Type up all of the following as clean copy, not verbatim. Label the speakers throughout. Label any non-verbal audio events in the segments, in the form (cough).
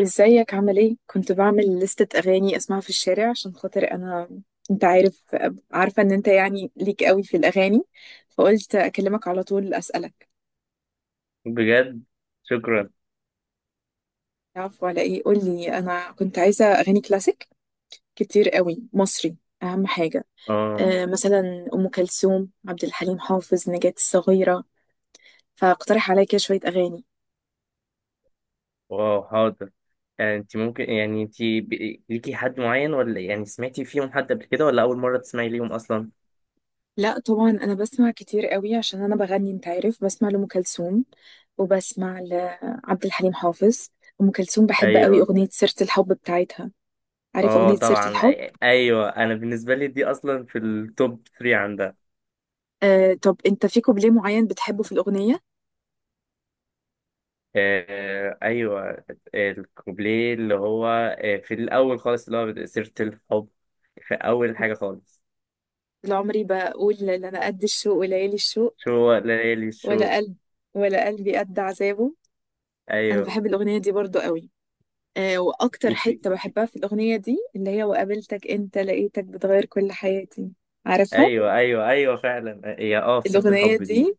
Speaker 1: ازيك؟ عامل ايه؟ كنت بعمل لستة اغاني اسمعها في الشارع عشان خاطر انا. انت عارف عارفة ان انت يعني ليك قوي في الاغاني، فقلت اكلمك على طول اسألك.
Speaker 2: بجد. شكرا.
Speaker 1: عفوا على ايه؟ قولي، انا كنت عايزة اغاني كلاسيك كتير قوي مصري، اهم حاجة.
Speaker 2: اه.
Speaker 1: آه، مثلا ام كلثوم، عبد الحليم حافظ، نجاة الصغيرة. فاقترح عليا كده شوية اغاني.
Speaker 2: واو، حاضر. يعني انت ممكن ليكي حد معين، ولا يعني سمعتي فيهم حد قبل كده، ولا اول مرة تسمعي ليهم اصلا؟
Speaker 1: لا طبعا، انا بسمع كتير قوي عشان انا بغني، انت عارف. بسمع لأم كلثوم وبسمع لعبد الحليم حافظ. ام كلثوم بحب قوي
Speaker 2: ايوه.
Speaker 1: اغنية سيرة الحب بتاعتها. عارف
Speaker 2: اه
Speaker 1: اغنية سيرة
Speaker 2: طبعا،
Speaker 1: الحب؟
Speaker 2: ايوه، انا بالنسبة لي دي اصلا في التوب 3 عندها.
Speaker 1: آه، طب انت في كوبليه معين بتحبه في الاغنية؟
Speaker 2: آه ايوه. الكوبليه اللي هو في الاول خالص اللي هو سيرة الحب. في اول حاجة خالص.
Speaker 1: طول عمري بقول: لا انا قد الشوق وليالي الشوق،
Speaker 2: شو ليالي شو.
Speaker 1: ولا قلب، ولا قلبي قد عذابه. انا
Speaker 2: ايوه.
Speaker 1: بحب الاغنيه دي برضو قوي. آه، واكتر
Speaker 2: وفي
Speaker 1: حته
Speaker 2: في-
Speaker 1: بحبها في الاغنيه دي اللي هي: وقابلتك انت لقيتك بتغير كل حياتي. عارفها؟
Speaker 2: ايوه ايوه ايوه فعلا هي في سيرة
Speaker 1: الاغنيه
Speaker 2: الحب دي.
Speaker 1: دي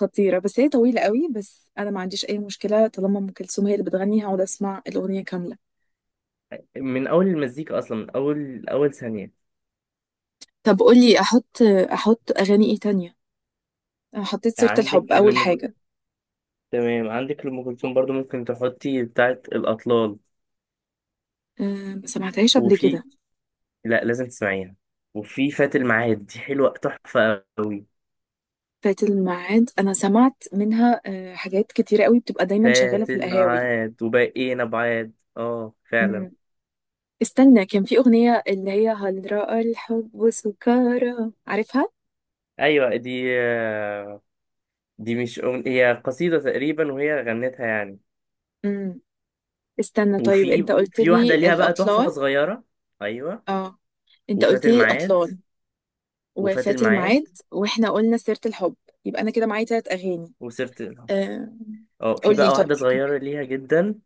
Speaker 1: خطيرة، بس هي طويلة قوي. بس أنا ما عنديش أي مشكلة، طالما أم كلثوم هي اللي بتغني هقعد أسمع الأغنية كاملة.
Speaker 2: من اول المزيكا اصلا، من اول اول ثانيه.
Speaker 1: طب قولي أحط، أحط أغاني إيه تانية؟ أنا حطيت سيرة الحب
Speaker 2: عندك
Speaker 1: أول
Speaker 2: لأم كلثوم.
Speaker 1: حاجة.
Speaker 2: تمام، عندك لأم كلثوم برضو ممكن تحطي بتاعه الاطلال.
Speaker 1: أه، ما سمعتهاش قبل
Speaker 2: وفي
Speaker 1: كده.
Speaker 2: لا لازم تسمعيها. وفي فات الميعاد دي حلوه تحفه قوي.
Speaker 1: فات الميعاد أنا سمعت منها أه حاجات كتيرة قوي، بتبقى دايما شغالة
Speaker 2: فات
Speaker 1: في القهاوي.
Speaker 2: الميعاد وبقينا بعاد، اه فعلا.
Speaker 1: أمم. استنى، كان في أغنية اللي هي هل رأى الحب سكارى، عارفها؟
Speaker 2: ايوه دي، دي مش هي قصيده تقريبا، وهي غنتها يعني.
Speaker 1: أمم. استنى طيب،
Speaker 2: وفي
Speaker 1: أنت قلت
Speaker 2: في
Speaker 1: لي
Speaker 2: واحده ليها بقى تحفه
Speaker 1: الأطلال.
Speaker 2: صغيره. ايوه.
Speaker 1: اه، أنت
Speaker 2: وفات
Speaker 1: قلت لي
Speaker 2: الميعاد
Speaker 1: الأطلال
Speaker 2: وفات
Speaker 1: وفات
Speaker 2: الميعاد
Speaker 1: الميعاد، واحنا قلنا سيرة الحب. يبقى انا كده معايا تلات اغاني.
Speaker 2: وسيره.
Speaker 1: أه...
Speaker 2: اه، في
Speaker 1: قولي
Speaker 2: بقى
Speaker 1: طيب.
Speaker 2: واحدة صغيرة ليها جدا.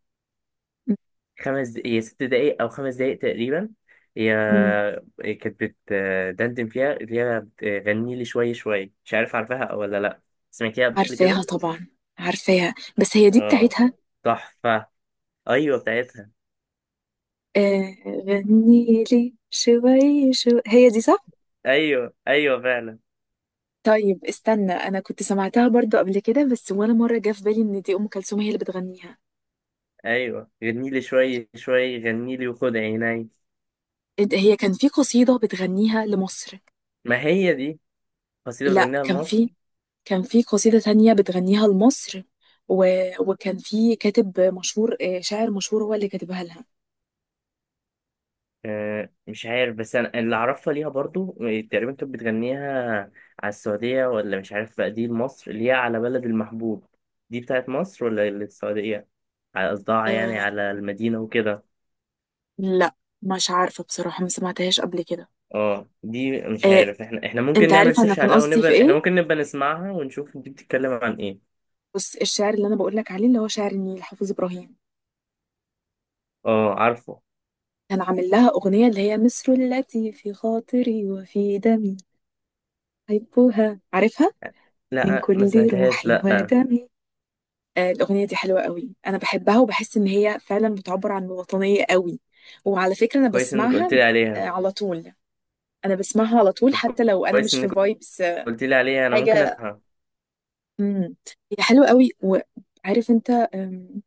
Speaker 2: هي ست دقايق أو خمس دقايق تقريبا. هي
Speaker 1: أمم،
Speaker 2: هي كانت بتدندن فيها اللي هي بتغني لي شوية شوية، مش عارف عارفاها أو ولا لأ. سمعتيها قبل
Speaker 1: عارفاها
Speaker 2: كده؟
Speaker 1: طبعا. عارفاها، بس هي دي
Speaker 2: اه.
Speaker 1: بتاعتها؟
Speaker 2: تحفة. أيوة بتاعتها.
Speaker 1: آه، غني لي شوي شو، هي دي صح؟
Speaker 2: أيوة أيوة فعلا.
Speaker 1: طيب استنى، انا كنت سمعتها برضو قبل كده، بس ولا مرة جه في بالي ان دي ام كلثوم هي اللي بتغنيها.
Speaker 2: أيوة غني لي شوية شوية غني لي وخد عيني.
Speaker 1: هي كان في قصيدة بتغنيها لمصر.
Speaker 2: ما هي دي قصيدة
Speaker 1: لا،
Speaker 2: بتغنيها
Speaker 1: كان
Speaker 2: لمصر.
Speaker 1: في، كان في قصيدة تانية بتغنيها لمصر. و... وكان في كاتب مشهور، شاعر مشهور هو اللي كاتبها لها.
Speaker 2: مش عارف، بس انا اللي اعرفها ليها برضو تقريبا كانت بتغنيها على السعودية، ولا مش عارف بقى دي لمصر اللي هي على بلد المحبوب. دي بتاعت مصر ولا السعودية؟ على قصدها يعني
Speaker 1: آه،
Speaker 2: على المدينة وكده.
Speaker 1: لا مش عارفة بصراحة، ما سمعتهاش قبل كده.
Speaker 2: اه، دي مش
Speaker 1: آه،
Speaker 2: عارف. احنا ممكن
Speaker 1: انت
Speaker 2: نعمل
Speaker 1: عارف انا
Speaker 2: سيرش
Speaker 1: كان
Speaker 2: عليها،
Speaker 1: قصدي في
Speaker 2: ونبقى احنا
Speaker 1: ايه؟
Speaker 2: ممكن نبقى نسمعها ونشوف دي بتتكلم عن ايه.
Speaker 1: بس الشعر اللي انا بقول لك عليه اللي هو شعر النيل، حافظ ابراهيم.
Speaker 2: اه عارفه.
Speaker 1: كان عامل لها اغنية اللي هي مصر التي في خاطري وفي دمي. احبها، عارفها؟ من
Speaker 2: لا ما
Speaker 1: كل
Speaker 2: سمعتهاش،
Speaker 1: روحي
Speaker 2: لا.
Speaker 1: ودمي. الأغنية دي حلوة قوي، أنا بحبها وبحس إن هي فعلا بتعبر عن الوطنية قوي. وعلى فكرة أنا
Speaker 2: كويس انك قلت
Speaker 1: بسمعها.
Speaker 2: لي عليها.
Speaker 1: على طول. أنا بسمعها على طول
Speaker 2: طب
Speaker 1: حتى لو أنا
Speaker 2: كويس
Speaker 1: مش في
Speaker 2: انك
Speaker 1: فايبس.
Speaker 2: قلت لي عليها، انا ممكن
Speaker 1: حاجة.
Speaker 2: اسمعها.
Speaker 1: مم. هي حلوة قوي. وعارف أنت،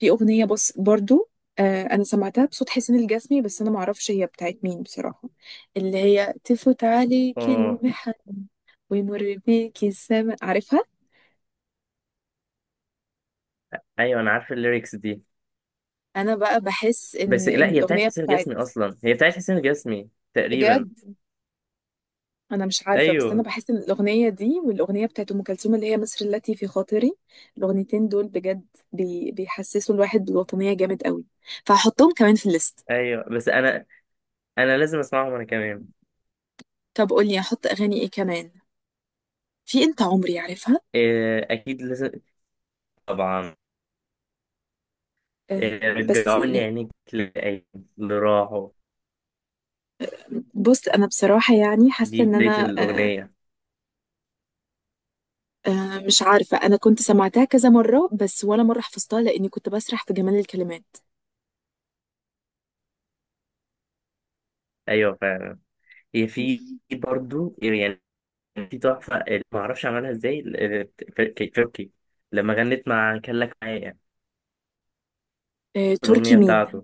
Speaker 1: في أغنية بس برضو. أنا سمعتها بصوت حسين الجسمي، بس أنا معرفش هي بتاعت مين بصراحة. اللي هي تفوت عليك
Speaker 2: اه
Speaker 1: المحن ويمر بيك السماء، عارفها؟
Speaker 2: ايوه، انا عارف الليركس دي.
Speaker 1: أنا بقى بحس إن
Speaker 2: بس لا هي بتاعت
Speaker 1: الأغنية
Speaker 2: حسين الجسمي،
Speaker 1: بتاعت،
Speaker 2: اصلا هي بتاعت حسين الجسمي تقريبا.
Speaker 1: بجد انا مش عارفه. بس انا
Speaker 2: ايوه
Speaker 1: بحس ان الاغنيه دي والاغنيه بتاعت ام كلثوم اللي هي مصر التي في خاطري، الاغنيتين دول بجد بيحسسوا الواحد بالوطنيه جامد قوي، فهحطهم كمان في الليست.
Speaker 2: ايوه. بس انا لازم اسمعهم انا كمان.
Speaker 1: طب قولي احط اغاني ايه كمان؟ في انت عمري، عارفها؟
Speaker 2: إيه اكيد لازم. طبعا.
Speaker 1: آه.
Speaker 2: إيه
Speaker 1: بس
Speaker 2: رجعوني
Speaker 1: ي-
Speaker 2: عينيك للأيام اللي راحوا.
Speaker 1: بص انا بصراحه يعني حاسه
Speaker 2: دي
Speaker 1: ان
Speaker 2: بداية
Speaker 1: انا آه،
Speaker 2: الأغنية.
Speaker 1: آه مش عارفه، انا كنت سمعتها كذا مره، بس ولا مره حفظتها لاني كنت بسرح في جمال الكلمات.
Speaker 2: أيوة فعلا. هي في برضو يعني. في تحفة اللي معرفش عملها ازاي كايروكي، لما غنت مع كان لك معايا
Speaker 1: آه تركي
Speaker 2: الأغنية
Speaker 1: مين؟
Speaker 2: بتاعته.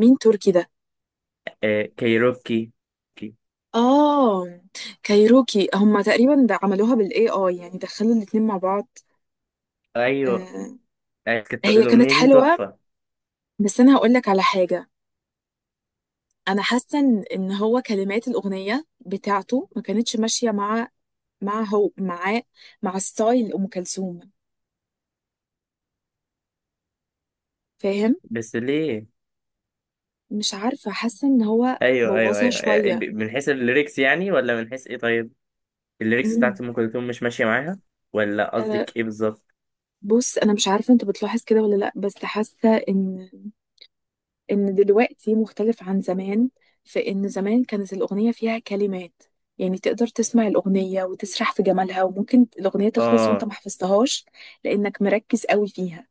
Speaker 1: مين تركي ده؟
Speaker 2: إيه كايروكي.
Speaker 1: اه، كايروكي هما تقريبا ده عملوها بالاي اي، يعني دخلوا الاتنين مع بعض.
Speaker 2: أيوة
Speaker 1: آه.
Speaker 2: أيوة، كانت
Speaker 1: هي كانت
Speaker 2: الأغنية دي
Speaker 1: حلوة،
Speaker 2: تحفة.
Speaker 1: بس انا هقول لك على حاجة. انا حاسة ان هو كلمات الاغنية بتاعته ما كانتش ماشية مع، مع هو معاه، مع ستايل ام كلثوم. فاهم؟
Speaker 2: بس ليه؟
Speaker 1: مش عارفة، حاسة ان هو
Speaker 2: ايوه ايوه
Speaker 1: بوظها
Speaker 2: ايوه، إيه،
Speaker 1: شوية.
Speaker 2: من حيث الليركس يعني ولا من حيث ايه؟ طيب الليركس
Speaker 1: مم.
Speaker 2: بتاعت ام كلثوم مش ماشيه معاها، ولا
Speaker 1: آه،
Speaker 2: قصدك ايه بالظبط؟
Speaker 1: بص انا مش عارفة انت بتلاحظ كده ولا لا، بس حاسة ان دلوقتي مختلف عن زمان. في ان زمان كانت الاغنيه فيها كلمات، يعني تقدر تسمع الاغنيه وتسرح في جمالها، وممكن الاغنيه تخلص وانت
Speaker 2: اه
Speaker 1: ما حفظتهاش لانك مركز قوي فيها.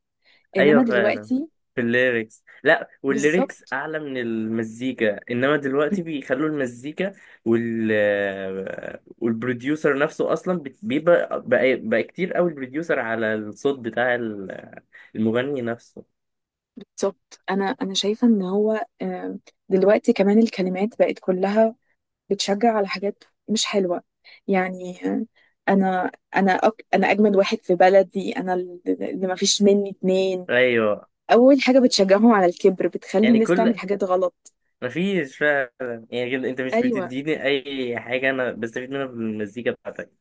Speaker 2: ايوه
Speaker 1: انما
Speaker 2: فعلا،
Speaker 1: دلوقتي
Speaker 2: في الليركس، لا والليركس
Speaker 1: بالظبط.
Speaker 2: اعلى من المزيكا، انما دلوقتي بيخلوا المزيكا والبروديوسر نفسه اصلا بيبقى بقى كتير قوي البروديوسر على الصوت بتاع المغني نفسه.
Speaker 1: بالظبط، انا شايفه ان هو، دلوقتي كمان الكلمات بقت كلها بتشجع على حاجات مش حلوه. يعني انا انا اجمد واحد في بلدي انا، اللي ما فيش مني اتنين.
Speaker 2: ايوه.
Speaker 1: اول حاجه بتشجعهم على الكبر، بتخلي
Speaker 2: يعني
Speaker 1: الناس
Speaker 2: كل
Speaker 1: تعمل حاجات غلط.
Speaker 2: مفيش فعلا، يعني كده انت مش
Speaker 1: ايوه،
Speaker 2: بتديني اي حاجة انا بستفيد منها بالمزيكا بتاعتك.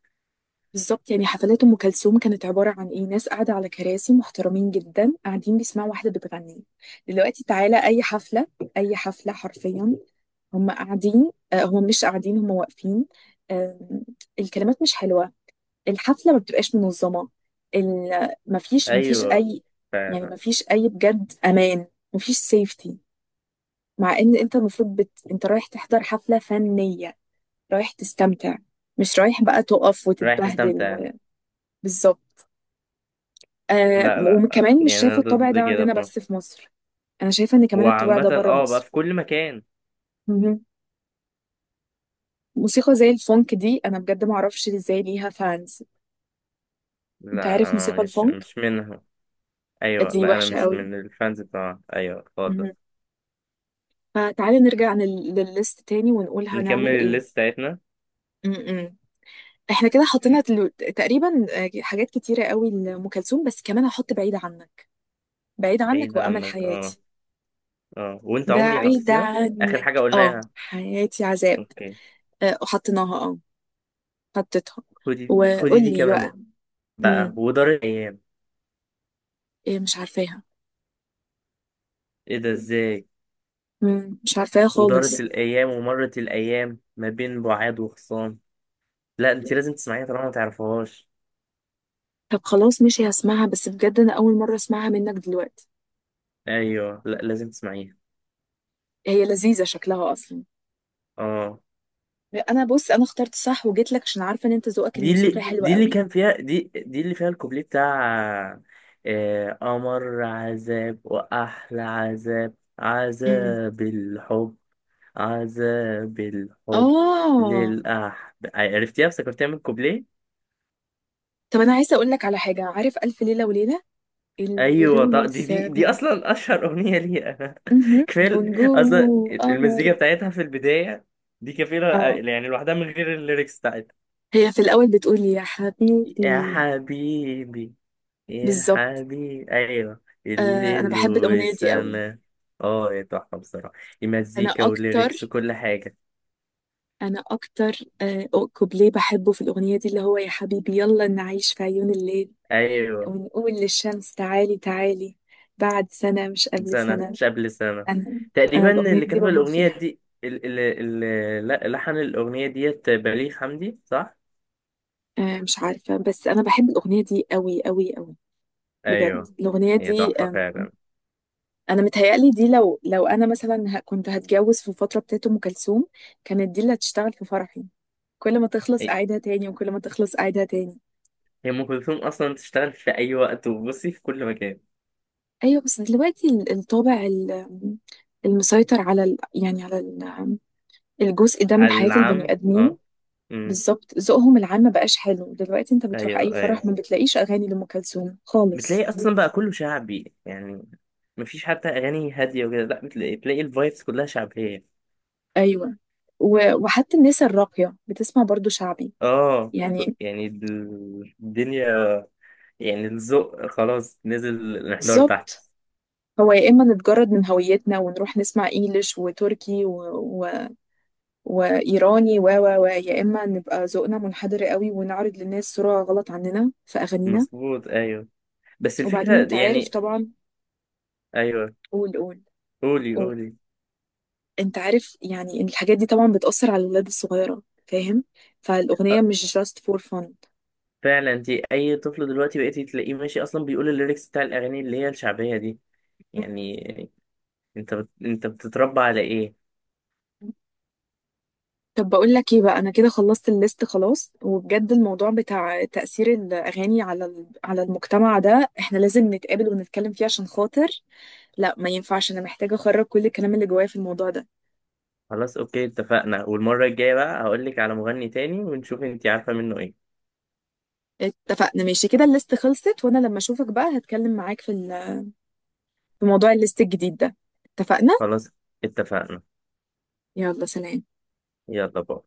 Speaker 1: بالظبط. يعني حفلات ام كلثوم كانت عباره عن ايه؟ ناس قاعده على كراسي محترمين جدا، قاعدين بيسمعوا واحده بتغني. دلوقتي تعالى اي حفله، اي حفله حرفيا، هم قاعدين، هم مش قاعدين، هم واقفين. آم، الكلمات مش حلوة، الحفلة ما بتبقاش منظمة. مفيش، مفيش
Speaker 2: ايوه
Speaker 1: أي، يعني
Speaker 2: فعلا.
Speaker 1: مفيش أي بجد أمان، مفيش سيفتي. مع إن أنت المفروض أنت رايح تحضر حفلة فنية، رايح تستمتع، مش رايح بقى تقف
Speaker 2: رايح
Speaker 1: وتتبهدل
Speaker 2: تستمتع.
Speaker 1: و... بالظبط. آه،
Speaker 2: لا لا.
Speaker 1: وكمان مش
Speaker 2: يعني انا
Speaker 1: شايفة الطابع
Speaker 2: ضد
Speaker 1: ده
Speaker 2: كده
Speaker 1: عندنا
Speaker 2: في
Speaker 1: بس
Speaker 2: مصر.
Speaker 1: في مصر. أنا شايفة إن كمان الطابع
Speaker 2: وعامة
Speaker 1: ده بره
Speaker 2: بقى في
Speaker 1: مصر.
Speaker 2: كل مكان.
Speaker 1: مهم. موسيقى زي الفونك دي أنا بجد معرفش إزاي ليها فانز. أنت
Speaker 2: لا
Speaker 1: عارف
Speaker 2: انا
Speaker 1: موسيقى
Speaker 2: مش
Speaker 1: الفونك؟
Speaker 2: مش منها. ايوه
Speaker 1: دي
Speaker 2: بقى انا
Speaker 1: وحشة
Speaker 2: مش
Speaker 1: قوي.
Speaker 2: من الفانز بتاعها، ايوه خالص.
Speaker 1: مهم. فتعالي نرجع للليست تاني ونقول
Speaker 2: نكمل
Speaker 1: هنعمل إيه.
Speaker 2: الليست بتاعتنا.
Speaker 1: م-م. إحنا كده حطينا
Speaker 2: في
Speaker 1: تقريبا، حاجات كتيرة قوي لأم كلثوم، بس كمان هحط بعيد عنك. بعيد عنك
Speaker 2: بعيد
Speaker 1: وأمل
Speaker 2: عنك، اه.
Speaker 1: حياتي.
Speaker 2: اه وانت عمري
Speaker 1: بعيدة
Speaker 2: حطيتيها. اخر حاجة
Speaker 1: عنك، اه
Speaker 2: قلناها.
Speaker 1: حياتي عذاب.
Speaker 2: اوكي.
Speaker 1: وحطيناها اه. حطيتها.
Speaker 2: خدي خدي دي
Speaker 1: وقولي
Speaker 2: كمان.
Speaker 1: بقى.
Speaker 2: بقى
Speaker 1: امم،
Speaker 2: ودار الايام.
Speaker 1: ايه؟ مش عارفاها.
Speaker 2: ايه ده ازاي.
Speaker 1: امم، مش عارفاها
Speaker 2: ودارت
Speaker 1: خالص.
Speaker 2: الأيام ومرت الأيام ما بين بعاد وخصام. لا أنت لازم تسمعيها طالما ما تعرفهاش.
Speaker 1: طب خلاص ماشي، هسمعها. بس بجد انا اول مرة اسمعها منك دلوقتي.
Speaker 2: أيوه لا لازم تسمعيها.
Speaker 1: هي لذيذة شكلها اصلا.
Speaker 2: اه.
Speaker 1: انا، بص انا اخترت صح وجيت لك عشان عارفة ان انت ذوقك
Speaker 2: دي
Speaker 1: الموسيقي
Speaker 2: اللي
Speaker 1: حلو
Speaker 2: دي اللي
Speaker 1: قوي.
Speaker 2: كان فيها دي دي اللي فيها الكوبليه بتاع أمر عذاب وأحلى عذاب،
Speaker 1: امم،
Speaker 2: عذاب الحب. عذاب الحب.
Speaker 1: اه.
Speaker 2: للأحب، عرفتيها؟ افتكرتيها من الكوبليه.
Speaker 1: طب انا عايزة اقول لك على حاجة، عارف الف ليلة وليلة؟ الليل
Speaker 2: ايوه طب دي دي
Speaker 1: والسماء.
Speaker 2: دي اصلا اشهر اغنيه ليها.
Speaker 1: مهم.
Speaker 2: (laughs) كفايه.
Speaker 1: ونجوم
Speaker 2: اصلا
Speaker 1: وقمر.
Speaker 2: المزيكا بتاعتها في البدايه دي كفيله،
Speaker 1: اه،
Speaker 2: يعني لوحدها من غير الليركس بتاعتها.
Speaker 1: هي في الأول بتقولي يا حبيبي.
Speaker 2: يا حبيبي، يا
Speaker 1: بالظبط.
Speaker 2: حبيبي، ايوه.
Speaker 1: آه، أنا
Speaker 2: الليل
Speaker 1: بحب الأغنية دي قوي.
Speaker 2: والسما. اه يا تحفه بصراحه،
Speaker 1: أنا
Speaker 2: المزيكا
Speaker 1: أكتر،
Speaker 2: والليركس وكل حاجه.
Speaker 1: أنا أكتر، آه، كوبليه بحبه في الأغنية دي اللي هو يا حبيبي يلا نعيش في عيون الليل،
Speaker 2: ايوه.
Speaker 1: ونقول للشمس تعالي تعالي بعد سنة مش قبل
Speaker 2: سنه
Speaker 1: سنة.
Speaker 2: مش قبل سنه.
Speaker 1: أنا أنا
Speaker 2: تقريبا
Speaker 1: الأغنية
Speaker 2: اللي
Speaker 1: دي
Speaker 2: كتب
Speaker 1: بموت
Speaker 2: الاغنيه
Speaker 1: فيها.
Speaker 2: دي ال ال ال لا- لحن الاغنيه ديت بليغ حمدي صح.
Speaker 1: آه مش عارفة، بس أنا بحب الأغنية دي قوي قوي قوي.
Speaker 2: ايوه.
Speaker 1: بجد الأغنية
Speaker 2: هي
Speaker 1: دي،
Speaker 2: تحفه فعلا.
Speaker 1: أنا متهيألي دي، لو أنا مثلا كنت هتجوز في الفترة بتاعت أم كلثوم، كانت دي اللي هتشتغل في فرحي. كل ما تخلص
Speaker 2: هي
Speaker 1: أعيدها تاني، وكل ما تخلص أعيدها تاني.
Speaker 2: هي ام كلثوم اصلا تشتغل في اي وقت، وبصي في كل مكان.
Speaker 1: أيوة، بس دلوقتي الطابع المسيطر على ال... يعني على ال... الجزء ده من
Speaker 2: على
Speaker 1: حياة البني
Speaker 2: العام
Speaker 1: آدمين،
Speaker 2: اه. امم.
Speaker 1: بالظبط ذوقهم العام ما بقاش حلو. دلوقتي انت بتروح
Speaker 2: ايوه
Speaker 1: أي
Speaker 2: ايوه.
Speaker 1: فرح ما بتلاقيش أغاني لأم كلثوم خالص.
Speaker 2: بتلاقي اصلا بقى كله شعبي يعني. مفيش حتى اغاني هاديه وكده، لا بتلاقي الفايبس كلها شعبيه.
Speaker 1: أيوة. و... وحتى الناس الراقية بتسمع برضو شعبي،
Speaker 2: اه
Speaker 1: يعني
Speaker 2: يعني الدنيا. يعني الذوق خلاص نزل الانحدار تحت.
Speaker 1: بالظبط. هو يا إما نتجرد من هويتنا ونروح نسمع إنجليش وتركي و... وايراني و و و، يا اما نبقى ذوقنا منحدر قوي ونعرض للناس صورة غلط عننا في اغانينا.
Speaker 2: مظبوط ايوه. بس
Speaker 1: وبعدين
Speaker 2: الفكره
Speaker 1: انت عارف
Speaker 2: يعني.
Speaker 1: طبعا.
Speaker 2: ايوه
Speaker 1: قول، قول.
Speaker 2: قولي
Speaker 1: قول،
Speaker 2: قولي.
Speaker 1: انت عارف يعني ان الحاجات دي طبعا بتأثر على الولاد الصغيرة، فاهم؟ فالاغنية مش just for fun.
Speaker 2: فعلا انت اي طفل دلوقتي بقيتي تلاقيه ماشي اصلا بيقول الليركس بتاع الاغاني اللي هي الشعبيه دي، يعني انت بتتربى على ايه.
Speaker 1: طب بقول لك ايه بقى، انا كده خلصت الليست خلاص. وبجد الموضوع بتاع تأثير الاغاني على على المجتمع ده احنا لازم نتقابل ونتكلم فيه عشان خاطر، لا ما ينفعش. انا محتاجة اخرج كل الكلام اللي جوايا في الموضوع ده.
Speaker 2: خلاص اوكي اتفقنا، والمره الجايه بقى هقول لك على مغني تاني ونشوف انت عارفه منه ايه.
Speaker 1: اتفقنا ماشي كده، الليست خلصت، وانا لما اشوفك بقى هتكلم معاك في في موضوع الليست الجديد ده. اتفقنا.
Speaker 2: خلاص اتفقنا.
Speaker 1: يلا سلام.
Speaker 2: يلا باي.